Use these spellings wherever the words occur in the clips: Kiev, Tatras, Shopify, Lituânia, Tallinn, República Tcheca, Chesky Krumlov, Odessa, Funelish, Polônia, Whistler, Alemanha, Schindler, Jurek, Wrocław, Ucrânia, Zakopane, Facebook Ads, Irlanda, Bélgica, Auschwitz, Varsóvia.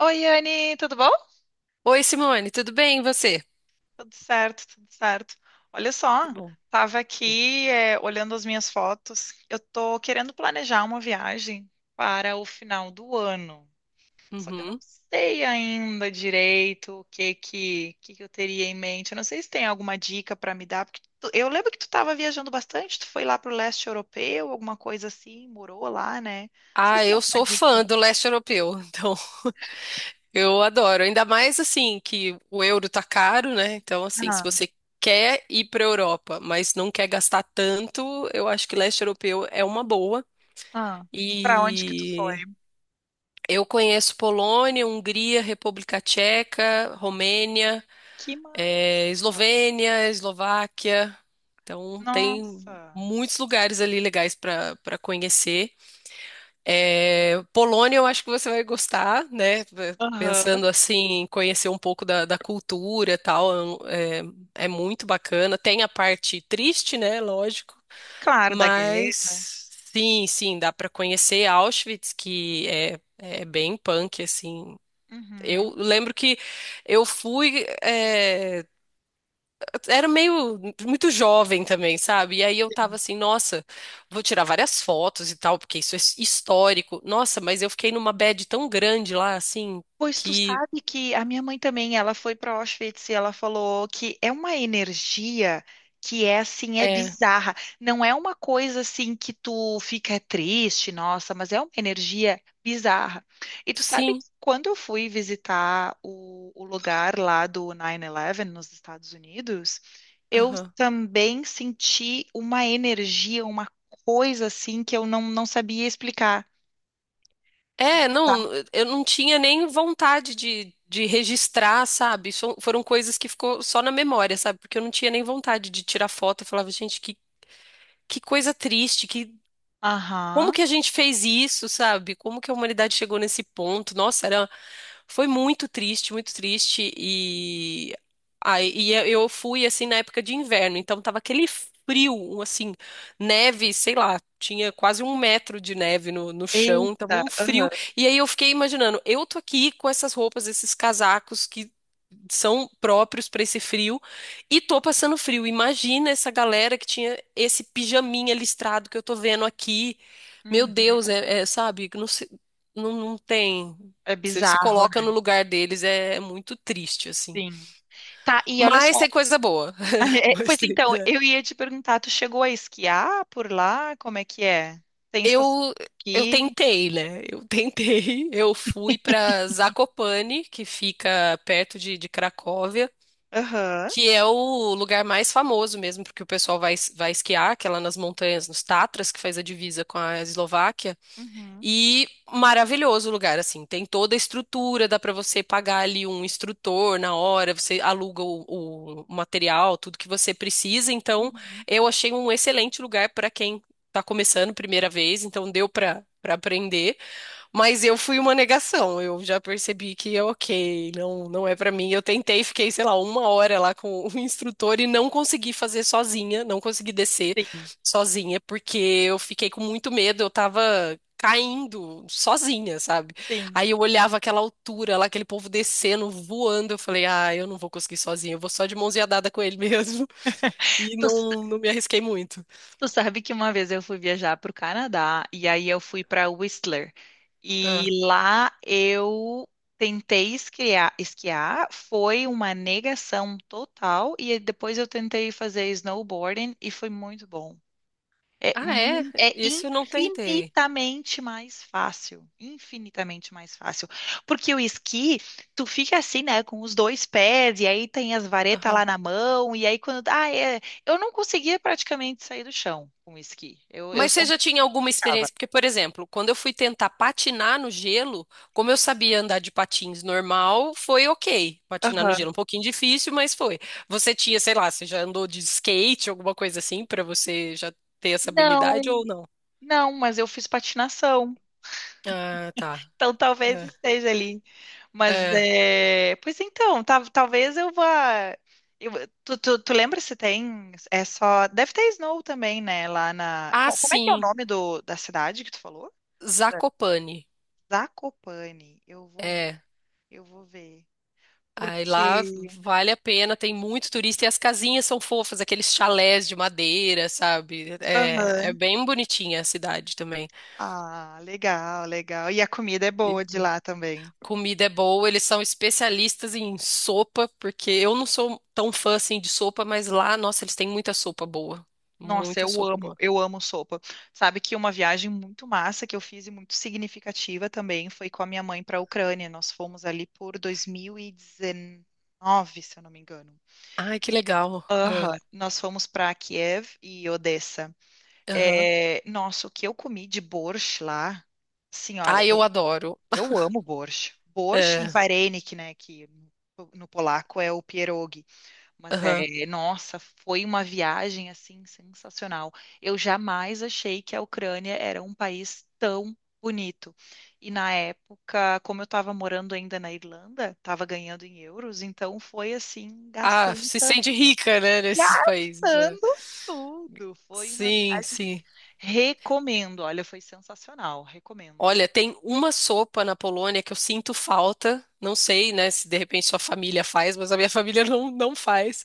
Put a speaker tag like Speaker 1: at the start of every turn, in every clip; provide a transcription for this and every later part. Speaker 1: Oi, Anne, tudo bom?
Speaker 2: Oi, Simone, tudo bem? E você?
Speaker 1: Tudo certo, tudo certo. Olha
Speaker 2: Que
Speaker 1: só,
Speaker 2: bom.
Speaker 1: tava aqui, olhando as minhas fotos. Eu tô querendo planejar uma viagem para o final do ano. Só que eu não
Speaker 2: Uhum.
Speaker 1: sei ainda direito o que que eu teria em mente. Eu não sei se tem alguma dica para me dar, porque eu lembro que tu estava viajando bastante, tu foi lá para o leste europeu, alguma coisa assim, morou lá, né? Não sei
Speaker 2: Ah,
Speaker 1: se tem
Speaker 2: eu
Speaker 1: alguma
Speaker 2: sou fã
Speaker 1: dica.
Speaker 2: do leste europeu, então eu adoro. Ainda mais assim que o euro tá caro, né? Então, assim, se
Speaker 1: Ah,
Speaker 2: você quer ir para Europa, mas não quer gastar tanto, eu acho que leste europeu é uma boa.
Speaker 1: ah. Para onde que tu foi?
Speaker 2: E eu conheço Polônia, Hungria, República Tcheca, Romênia,
Speaker 1: Que massa!
Speaker 2: Eslovênia, Eslováquia. Então, tem
Speaker 1: Nossa!
Speaker 2: muitos lugares ali legais para conhecer. É, Polônia, eu acho que você vai gostar, né?
Speaker 1: Aham.
Speaker 2: Pensando assim, em conhecer um pouco da cultura e tal, é muito bacana. Tem a parte triste, né? Lógico,
Speaker 1: Claro, da guerra.
Speaker 2: mas sim, sim, dá para conhecer Auschwitz, que é bem punk, assim. Eu
Speaker 1: Uhum.
Speaker 2: lembro que eu fui, era meio muito jovem também, sabe? E aí eu tava assim, nossa, vou tirar várias fotos e tal, porque isso é histórico. Nossa, mas eu fiquei numa bad tão grande lá, assim,
Speaker 1: Pois tu
Speaker 2: que
Speaker 1: sabe que a minha mãe também, ela foi para Auschwitz e ela falou que é uma energia que é assim, é
Speaker 2: é,
Speaker 1: bizarra. Não é uma coisa assim que tu fica triste, nossa, mas é uma energia bizarra. E tu sabe
Speaker 2: sim,
Speaker 1: que quando eu fui visitar o lugar lá do 9/11 nos Estados Unidos, eu
Speaker 2: aham.
Speaker 1: também senti uma energia, uma coisa assim que eu não sabia explicar.
Speaker 2: É, não, eu não tinha nem vontade de registrar, sabe? Foram coisas que ficou só na memória, sabe? Porque eu não tinha nem vontade de tirar foto. Eu falava, gente, que coisa triste, que. Como
Speaker 1: Aham.
Speaker 2: que a gente fez isso, sabe? Como que a humanidade chegou nesse ponto? Nossa, foi muito triste, muito triste. E aí, eu fui assim na época de inverno, então tava aquele frio, assim, neve, sei lá, tinha quase 1 metro de neve no chão, tava
Speaker 1: Eita,
Speaker 2: um
Speaker 1: aham.
Speaker 2: frio. E aí eu fiquei imaginando, eu tô aqui com essas roupas, esses casacos que são próprios para esse frio e tô passando frio. Imagina essa galera que tinha esse pijaminha listrado que eu tô vendo aqui. Meu Deus,
Speaker 1: Uhum.
Speaker 2: sabe, não, não, não tem.
Speaker 1: É
Speaker 2: Você se
Speaker 1: bizarro,
Speaker 2: coloca no
Speaker 1: né?
Speaker 2: lugar deles, é muito triste, assim.
Speaker 1: Sim. Tá, e olha
Speaker 2: Mas
Speaker 1: só.
Speaker 2: tem coisa boa. Mas
Speaker 1: Pois
Speaker 2: tem-
Speaker 1: então,
Speaker 2: é.
Speaker 1: eu ia te perguntar, tu chegou a esquiar por lá? Como é que é? Tem estação
Speaker 2: Eu,
Speaker 1: de
Speaker 2: eu
Speaker 1: esqui?
Speaker 2: tentei, né? Eu tentei. Eu fui para Zakopane, que fica perto de Cracóvia,
Speaker 1: Aham.
Speaker 2: que é o lugar mais famoso mesmo, porque o pessoal vai esquiar, que é lá nas montanhas, nos Tatras, que faz a divisa com a Eslováquia.
Speaker 1: Uhum.
Speaker 2: E maravilhoso o lugar, assim, tem toda a estrutura, dá para você pagar ali um instrutor na hora, você aluga o material, tudo que você precisa. Então,
Speaker 1: Uhum.
Speaker 2: eu achei um excelente lugar para quem está começando primeira vez, então deu para aprender. Mas eu fui uma negação. Eu já percebi que, é ok, não, não é pra mim. Eu tentei, fiquei, sei lá, 1 hora lá com o instrutor e não consegui fazer sozinha, não consegui descer
Speaker 1: Sim,
Speaker 2: sozinha, porque eu fiquei com muito medo. Eu tava caindo sozinha, sabe?
Speaker 1: sim.
Speaker 2: Aí eu olhava aquela altura lá, aquele povo descendo, voando. Eu falei, ah, eu não vou conseguir sozinha. Eu vou só de mãozinha dada com ele mesmo. E não, não me arrisquei muito.
Speaker 1: Tu sabe que uma vez eu fui viajar para o Canadá e aí eu fui para Whistler. E
Speaker 2: Ah,
Speaker 1: lá eu tentei esquiar, foi uma negação total. E depois eu tentei fazer snowboarding e foi muito bom. É,
Speaker 2: ah, é?
Speaker 1: é
Speaker 2: Isso eu não tentei.
Speaker 1: infinitamente mais fácil, infinitamente mais fácil. Porque o esqui, tu fica assim, né, com os dois pés, e aí tem as varetas lá na mão, e aí quando. Ah, é. Eu não conseguia praticamente sair do chão com o esqui. Eu
Speaker 2: Mas
Speaker 1: só
Speaker 2: você já tinha alguma
Speaker 1: ficava.
Speaker 2: experiência? Porque, por exemplo, quando eu fui tentar patinar no gelo, como eu sabia andar de patins normal, foi ok. Patinar no
Speaker 1: Aham.
Speaker 2: gelo, um pouquinho difícil, mas foi. Você tinha, sei lá, você já andou de skate, alguma coisa assim, pra você já ter essa
Speaker 1: Não,
Speaker 2: habilidade ou não?
Speaker 1: não, mas eu fiz patinação.
Speaker 2: Ah, tá.
Speaker 1: Então talvez esteja ali. Mas
Speaker 2: É. É.
Speaker 1: é, pois então, talvez eu vá. eu- tu lembra se tem? É só. Deve ter Snow também, né?
Speaker 2: Ah,
Speaker 1: Como é que é o
Speaker 2: sim.
Speaker 1: nome do, da cidade que tu falou? É.
Speaker 2: Zakopane.
Speaker 1: Zakopane.
Speaker 2: É.
Speaker 1: Eu vou ver.
Speaker 2: Aí lá
Speaker 1: Porque.
Speaker 2: vale a pena, tem muito turista e as casinhas são fofas, aqueles chalés de madeira, sabe? É, é
Speaker 1: Aham.
Speaker 2: bem bonitinha a cidade também.
Speaker 1: Ah, legal, legal. E a comida é boa de lá também.
Speaker 2: Comida é boa, eles são especialistas em sopa, porque eu não sou tão fã assim de sopa, mas lá, nossa, eles têm muita sopa boa.
Speaker 1: Nossa,
Speaker 2: Muita sopa boa.
Speaker 1: eu amo sopa. Sabe que uma viagem muito massa que eu fiz e muito significativa também foi com a minha mãe para a Ucrânia. Nós fomos ali por 2019, se eu não me engano.
Speaker 2: Ai, que legal.
Speaker 1: Aham,
Speaker 2: Ah.
Speaker 1: nós fomos para Kiev e Odessa.
Speaker 2: Aham.
Speaker 1: É, nossa, o que eu comi de borscht lá, assim, ó,
Speaker 2: Ah, eu adoro.
Speaker 1: eu amo borscht. Borscht e
Speaker 2: É,
Speaker 1: varenik, né, que no polaco é o pierogi. Mas
Speaker 2: aham.
Speaker 1: é, nossa, foi uma viagem assim sensacional. Eu jamais achei que a Ucrânia era um país tão bonito. E na época, como eu estava morando ainda na Irlanda, estava ganhando em euros, então foi assim,
Speaker 2: Ah, se
Speaker 1: gastança,
Speaker 2: sente rica, né, nesses países. É.
Speaker 1: gastando tudo. Foi uma
Speaker 2: Sim,
Speaker 1: viagem.
Speaker 2: sim.
Speaker 1: Recomendo, olha, foi sensacional, recomendo.
Speaker 2: Olha, tem uma sopa na Polônia que eu sinto falta. Não sei, né, se de repente sua família faz, mas a minha família não, não faz.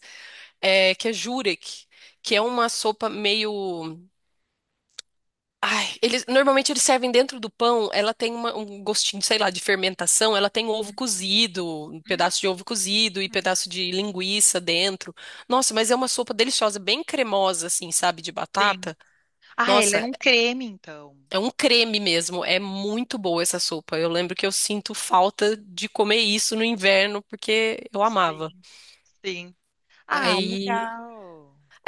Speaker 2: É, que é Jurek, que é uma sopa meio. Ai, eles normalmente eles servem dentro do pão. Ela tem um gostinho, sei lá, de fermentação. Ela tem um ovo cozido, um
Speaker 1: Hum,
Speaker 2: pedaço de ovo cozido e pedaço de linguiça dentro. Nossa, mas é uma sopa deliciosa, bem cremosa, assim, sabe, de
Speaker 1: sim.
Speaker 2: batata.
Speaker 1: Ah, ele é
Speaker 2: Nossa,
Speaker 1: um creme, então.
Speaker 2: é um creme mesmo. É muito boa essa sopa. Eu lembro que eu sinto falta de comer isso no inverno porque eu amava.
Speaker 1: Sim, sim. Ah,
Speaker 2: Aí,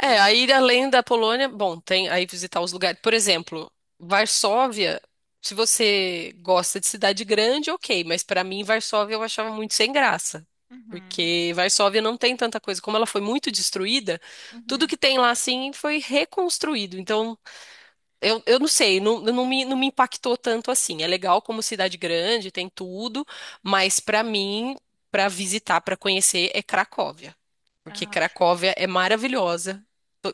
Speaker 2: é,
Speaker 1: legal.
Speaker 2: aí além da Polônia, bom, tem aí visitar os lugares. Por exemplo, Varsóvia, se você gosta de cidade grande, ok, mas pra mim Varsóvia eu achava muito sem graça.
Speaker 1: Uhum,
Speaker 2: Porque Varsóvia não tem tanta coisa. Como ela foi muito destruída, tudo
Speaker 1: uhum.
Speaker 2: que tem lá assim foi reconstruído. Então, eu não sei, não, não me, não me impactou tanto assim. É legal como cidade grande, tem tudo, mas pra mim, pra visitar, pra conhecer, é Cracóvia. Porque
Speaker 1: Ah,
Speaker 2: Cracóvia é maravilhosa,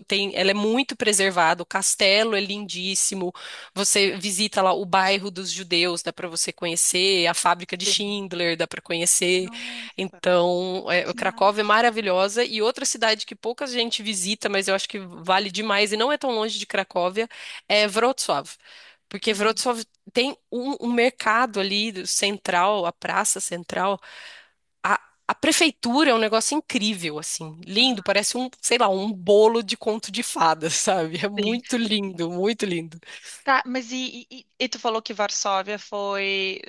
Speaker 2: tem, ela é muito preservada, o castelo é lindíssimo. Você visita lá o bairro dos judeus, dá para você conhecer, a fábrica de
Speaker 1: sim.
Speaker 2: Schindler dá para conhecer.
Speaker 1: Nossa,
Speaker 2: Então, é, o
Speaker 1: que
Speaker 2: Cracóvia é
Speaker 1: massa.
Speaker 2: maravilhosa e outra cidade que pouca gente visita, mas eu acho que vale demais e não é tão longe de Cracóvia, é Wrocław. Porque
Speaker 1: Uhum,
Speaker 2: Wrocław tem um, um mercado ali do- central, a praça central, a, a prefeitura é um negócio incrível, assim, lindo,
Speaker 1: aham,
Speaker 2: parece um, sei lá, um bolo de conto de fadas, sabe? É
Speaker 1: sim.
Speaker 2: muito lindo, muito lindo.
Speaker 1: Tá, mas e tu falou que Varsóvia foi.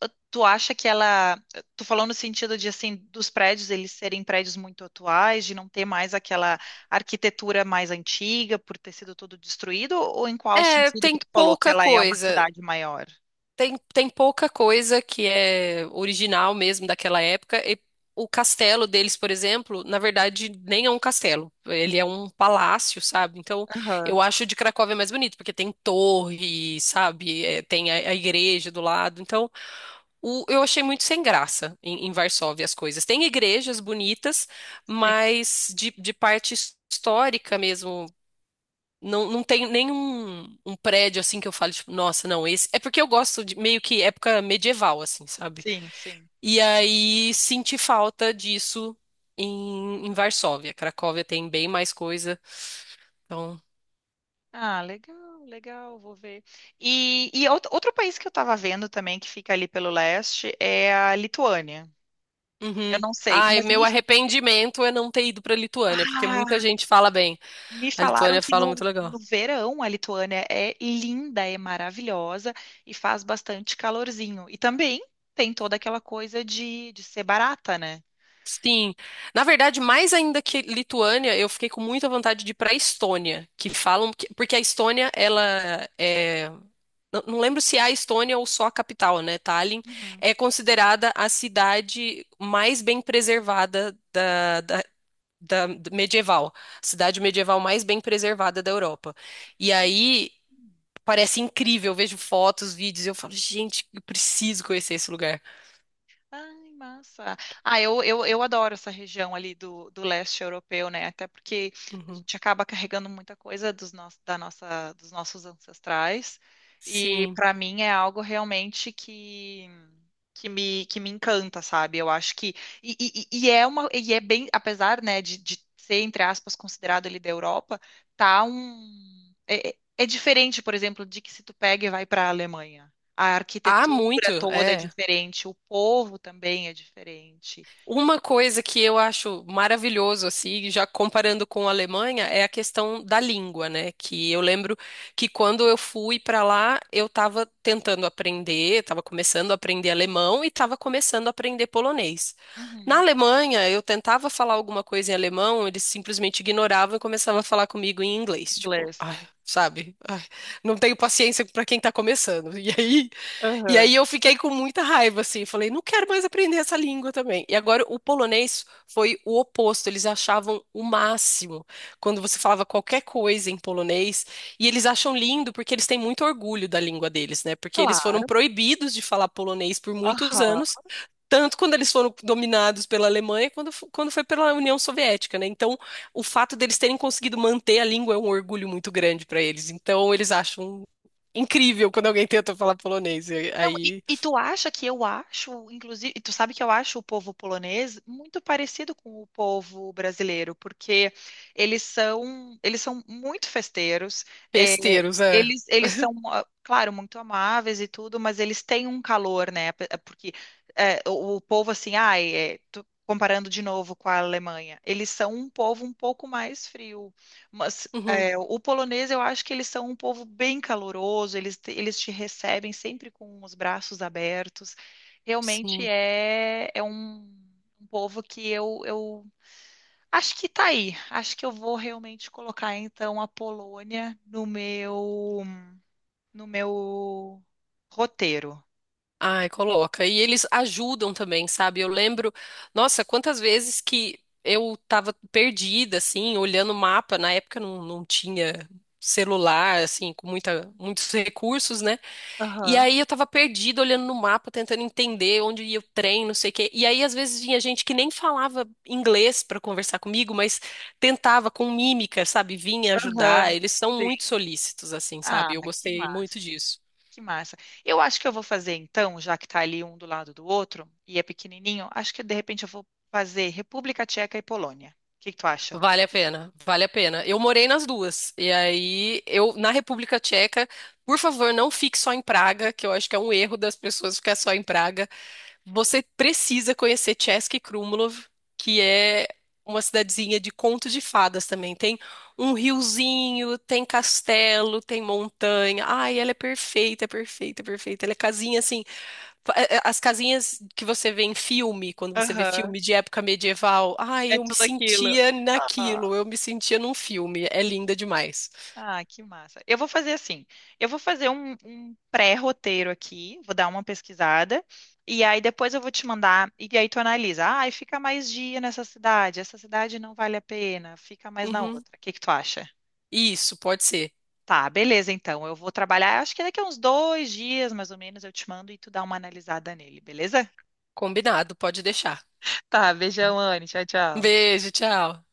Speaker 1: Tu acha que ela. Tu falou no sentido de, assim, dos prédios eles serem prédios muito atuais, de não ter mais aquela arquitetura mais antiga por ter sido tudo destruído, ou em qual
Speaker 2: É,
Speaker 1: sentido que
Speaker 2: tem
Speaker 1: tu falou que
Speaker 2: pouca
Speaker 1: ela é uma
Speaker 2: coisa,
Speaker 1: cidade maior?
Speaker 2: tem, tem pouca coisa que é original mesmo daquela época. E o castelo deles, por exemplo, na verdade, nem é um castelo, ele é um palácio, sabe? Então,
Speaker 1: Aham,
Speaker 2: eu acho o de Cracóvia mais bonito, porque tem torre, sabe? É, tem a igreja do lado, então. Eu achei muito sem graça em Varsóvia as coisas. Tem igrejas bonitas,
Speaker 1: Sim,
Speaker 2: mas de parte histórica mesmo. Não, não tem nenhum um prédio assim que eu falo, tipo, nossa, não, esse. É porque eu gosto de meio que época medieval, assim, sabe?
Speaker 1: sim, sim.
Speaker 2: E aí senti falta disso em Varsóvia. Cracóvia tem bem mais coisa. Então.
Speaker 1: Ah, legal, legal, vou ver. E, outro país que eu estava vendo também, que fica ali pelo leste, é a Lituânia. Eu
Speaker 2: Uhum.
Speaker 1: não sei,
Speaker 2: Ai, meu arrependimento é não ter ido pra Lituânia, porque muita
Speaker 1: ah,
Speaker 2: gente fala bem.
Speaker 1: me
Speaker 2: A
Speaker 1: falaram
Speaker 2: Lituânia
Speaker 1: que
Speaker 2: fala muito legal.
Speaker 1: no verão a Lituânia é linda, é maravilhosa e faz bastante calorzinho. E também tem toda aquela coisa de ser barata, né?
Speaker 2: Sim. Na verdade, mais ainda que Lituânia, eu fiquei com muita vontade de ir para Estônia, que falam que- porque a Estônia, ela é. Não não lembro se é a Estônia ou só a capital, né? Tallinn
Speaker 1: Uhum.
Speaker 2: é considerada a cidade mais bem preservada da do medieval, cidade medieval mais bem preservada da Europa. E aí parece incrível, eu vejo fotos, vídeos, e eu falo, gente, eu preciso conhecer esse lugar.
Speaker 1: Ai, massa. Ah, eu adoro essa região ali do leste europeu, né? Até porque a
Speaker 2: Uhum.
Speaker 1: gente acaba carregando muita coisa dos nossos ancestrais. E
Speaker 2: Sim.
Speaker 1: para mim é algo realmente que me encanta, sabe? Eu acho que. E é uma, e é bem, apesar, né, de ser, entre aspas, considerado ali da Europa, tá um. É é diferente, por exemplo, de que se tu pega e vai para a Alemanha. A
Speaker 2: Há muito,
Speaker 1: arquitetura toda é
Speaker 2: é.
Speaker 1: diferente, o povo também é diferente.
Speaker 2: Uma coisa que eu acho maravilhoso, assim, já comparando com a Alemanha, é a questão da língua, né? Que eu lembro que quando eu fui para lá, eu estava tentando aprender, estava começando a aprender alemão e estava começando a aprender polonês. Na
Speaker 1: Uhum.
Speaker 2: Alemanha, eu tentava falar alguma coisa em alemão, eles simplesmente ignoravam e começavam a falar comigo em inglês. Tipo,
Speaker 1: Inglês.
Speaker 2: ai, sabe? Ai, não tenho paciência para quem está começando. E aí. E
Speaker 1: Aham.
Speaker 2: aí eu fiquei com muita raiva, assim, falei, não quero mais aprender essa língua também. E agora o polonês foi o oposto, eles achavam o máximo quando você falava qualquer coisa em polonês, e eles acham lindo porque eles têm muito orgulho da língua deles, né? Porque eles foram
Speaker 1: Claro.
Speaker 2: proibidos de falar polonês por muitos
Speaker 1: Aham.
Speaker 2: anos. Tanto quando eles foram dominados pela Alemanha, quando foi pela União Soviética, né? Então, o fato deles terem conseguido manter a língua é um orgulho muito grande para eles. Então, eles acham incrível quando alguém tenta falar polonês. E
Speaker 1: Não, e,
Speaker 2: aí,
Speaker 1: e tu acha que eu acho, inclusive, e tu sabe que eu acho o povo polonês muito parecido com o povo brasileiro, porque eles são muito festeiros, é,
Speaker 2: besteiros, é.
Speaker 1: eles são, ah, claro, muito amáveis e tudo, mas eles têm um calor, né? Porque é, o povo, assim, ai, é, comparando de novo com a Alemanha, eles são um povo um pouco mais frio, mas
Speaker 2: Uhum,
Speaker 1: é, o polonês, eu acho que eles são um povo bem caloroso, eles te recebem sempre com os braços abertos. Realmente
Speaker 2: sim.
Speaker 1: é, é um, um povo que eu acho que tá aí. Acho que eu vou realmente colocar então a Polônia no meu, no meu roteiro.
Speaker 2: Ai, coloca. E eles ajudam também, sabe? Eu lembro, nossa, quantas vezes que eu tava perdida, assim, olhando o mapa. Na época não, não tinha celular, assim, com muitos recursos, né? E
Speaker 1: Aham,
Speaker 2: aí eu tava perdida olhando no mapa, tentando entender onde ia o trem, não sei o quê. E aí às vezes vinha gente que nem falava inglês pra conversar comigo, mas tentava com mímica, sabe? Vinha
Speaker 1: aham.
Speaker 2: ajudar. Eles são
Speaker 1: Sim.
Speaker 2: muito solícitos, assim,
Speaker 1: Ah,
Speaker 2: sabe? Eu
Speaker 1: que
Speaker 2: gostei muito
Speaker 1: massa.
Speaker 2: disso.
Speaker 1: Que massa. Eu acho que eu vou fazer então, já que tá ali um do lado do outro e é pequenininho, acho que de repente eu vou fazer República Tcheca e Polônia. O que que tu acha?
Speaker 2: Vale a pena, vale a pena. Eu morei nas duas. E aí eu na República Tcheca, por favor, não fique só em Praga, que eu acho que é um erro das pessoas ficar só em Praga. Você precisa conhecer Chesky Krumlov, que é uma cidadezinha de conto de fadas também. Tem um riozinho, tem castelo, tem montanha. Ai, ela é perfeita, perfeita, perfeita. Ela é casinha assim, as casinhas que você vê em filme, quando você vê
Speaker 1: Aham,
Speaker 2: filme de época medieval. Ai,
Speaker 1: é
Speaker 2: eu me
Speaker 1: tudo aquilo.
Speaker 2: sentia
Speaker 1: Ah,
Speaker 2: naquilo, eu me sentia num filme. É linda demais.
Speaker 1: ah, que massa. Eu vou fazer assim. Eu vou fazer um, um pré-roteiro aqui, vou dar uma pesquisada, e aí depois eu vou te mandar, e aí tu analisa. Ah, fica mais dia nessa cidade, essa cidade não vale a pena, fica mais na
Speaker 2: Uhum.
Speaker 1: outra. O que que tu acha?
Speaker 2: Isso, pode ser.
Speaker 1: Tá, beleza, então. Eu vou trabalhar, acho que daqui a uns dois dias, mais ou menos, eu te mando e tu dá uma analisada nele, beleza?
Speaker 2: Combinado, pode deixar.
Speaker 1: Tá, beijão, Anne. Tchau,
Speaker 2: Um
Speaker 1: tchau.
Speaker 2: beijo, tchau.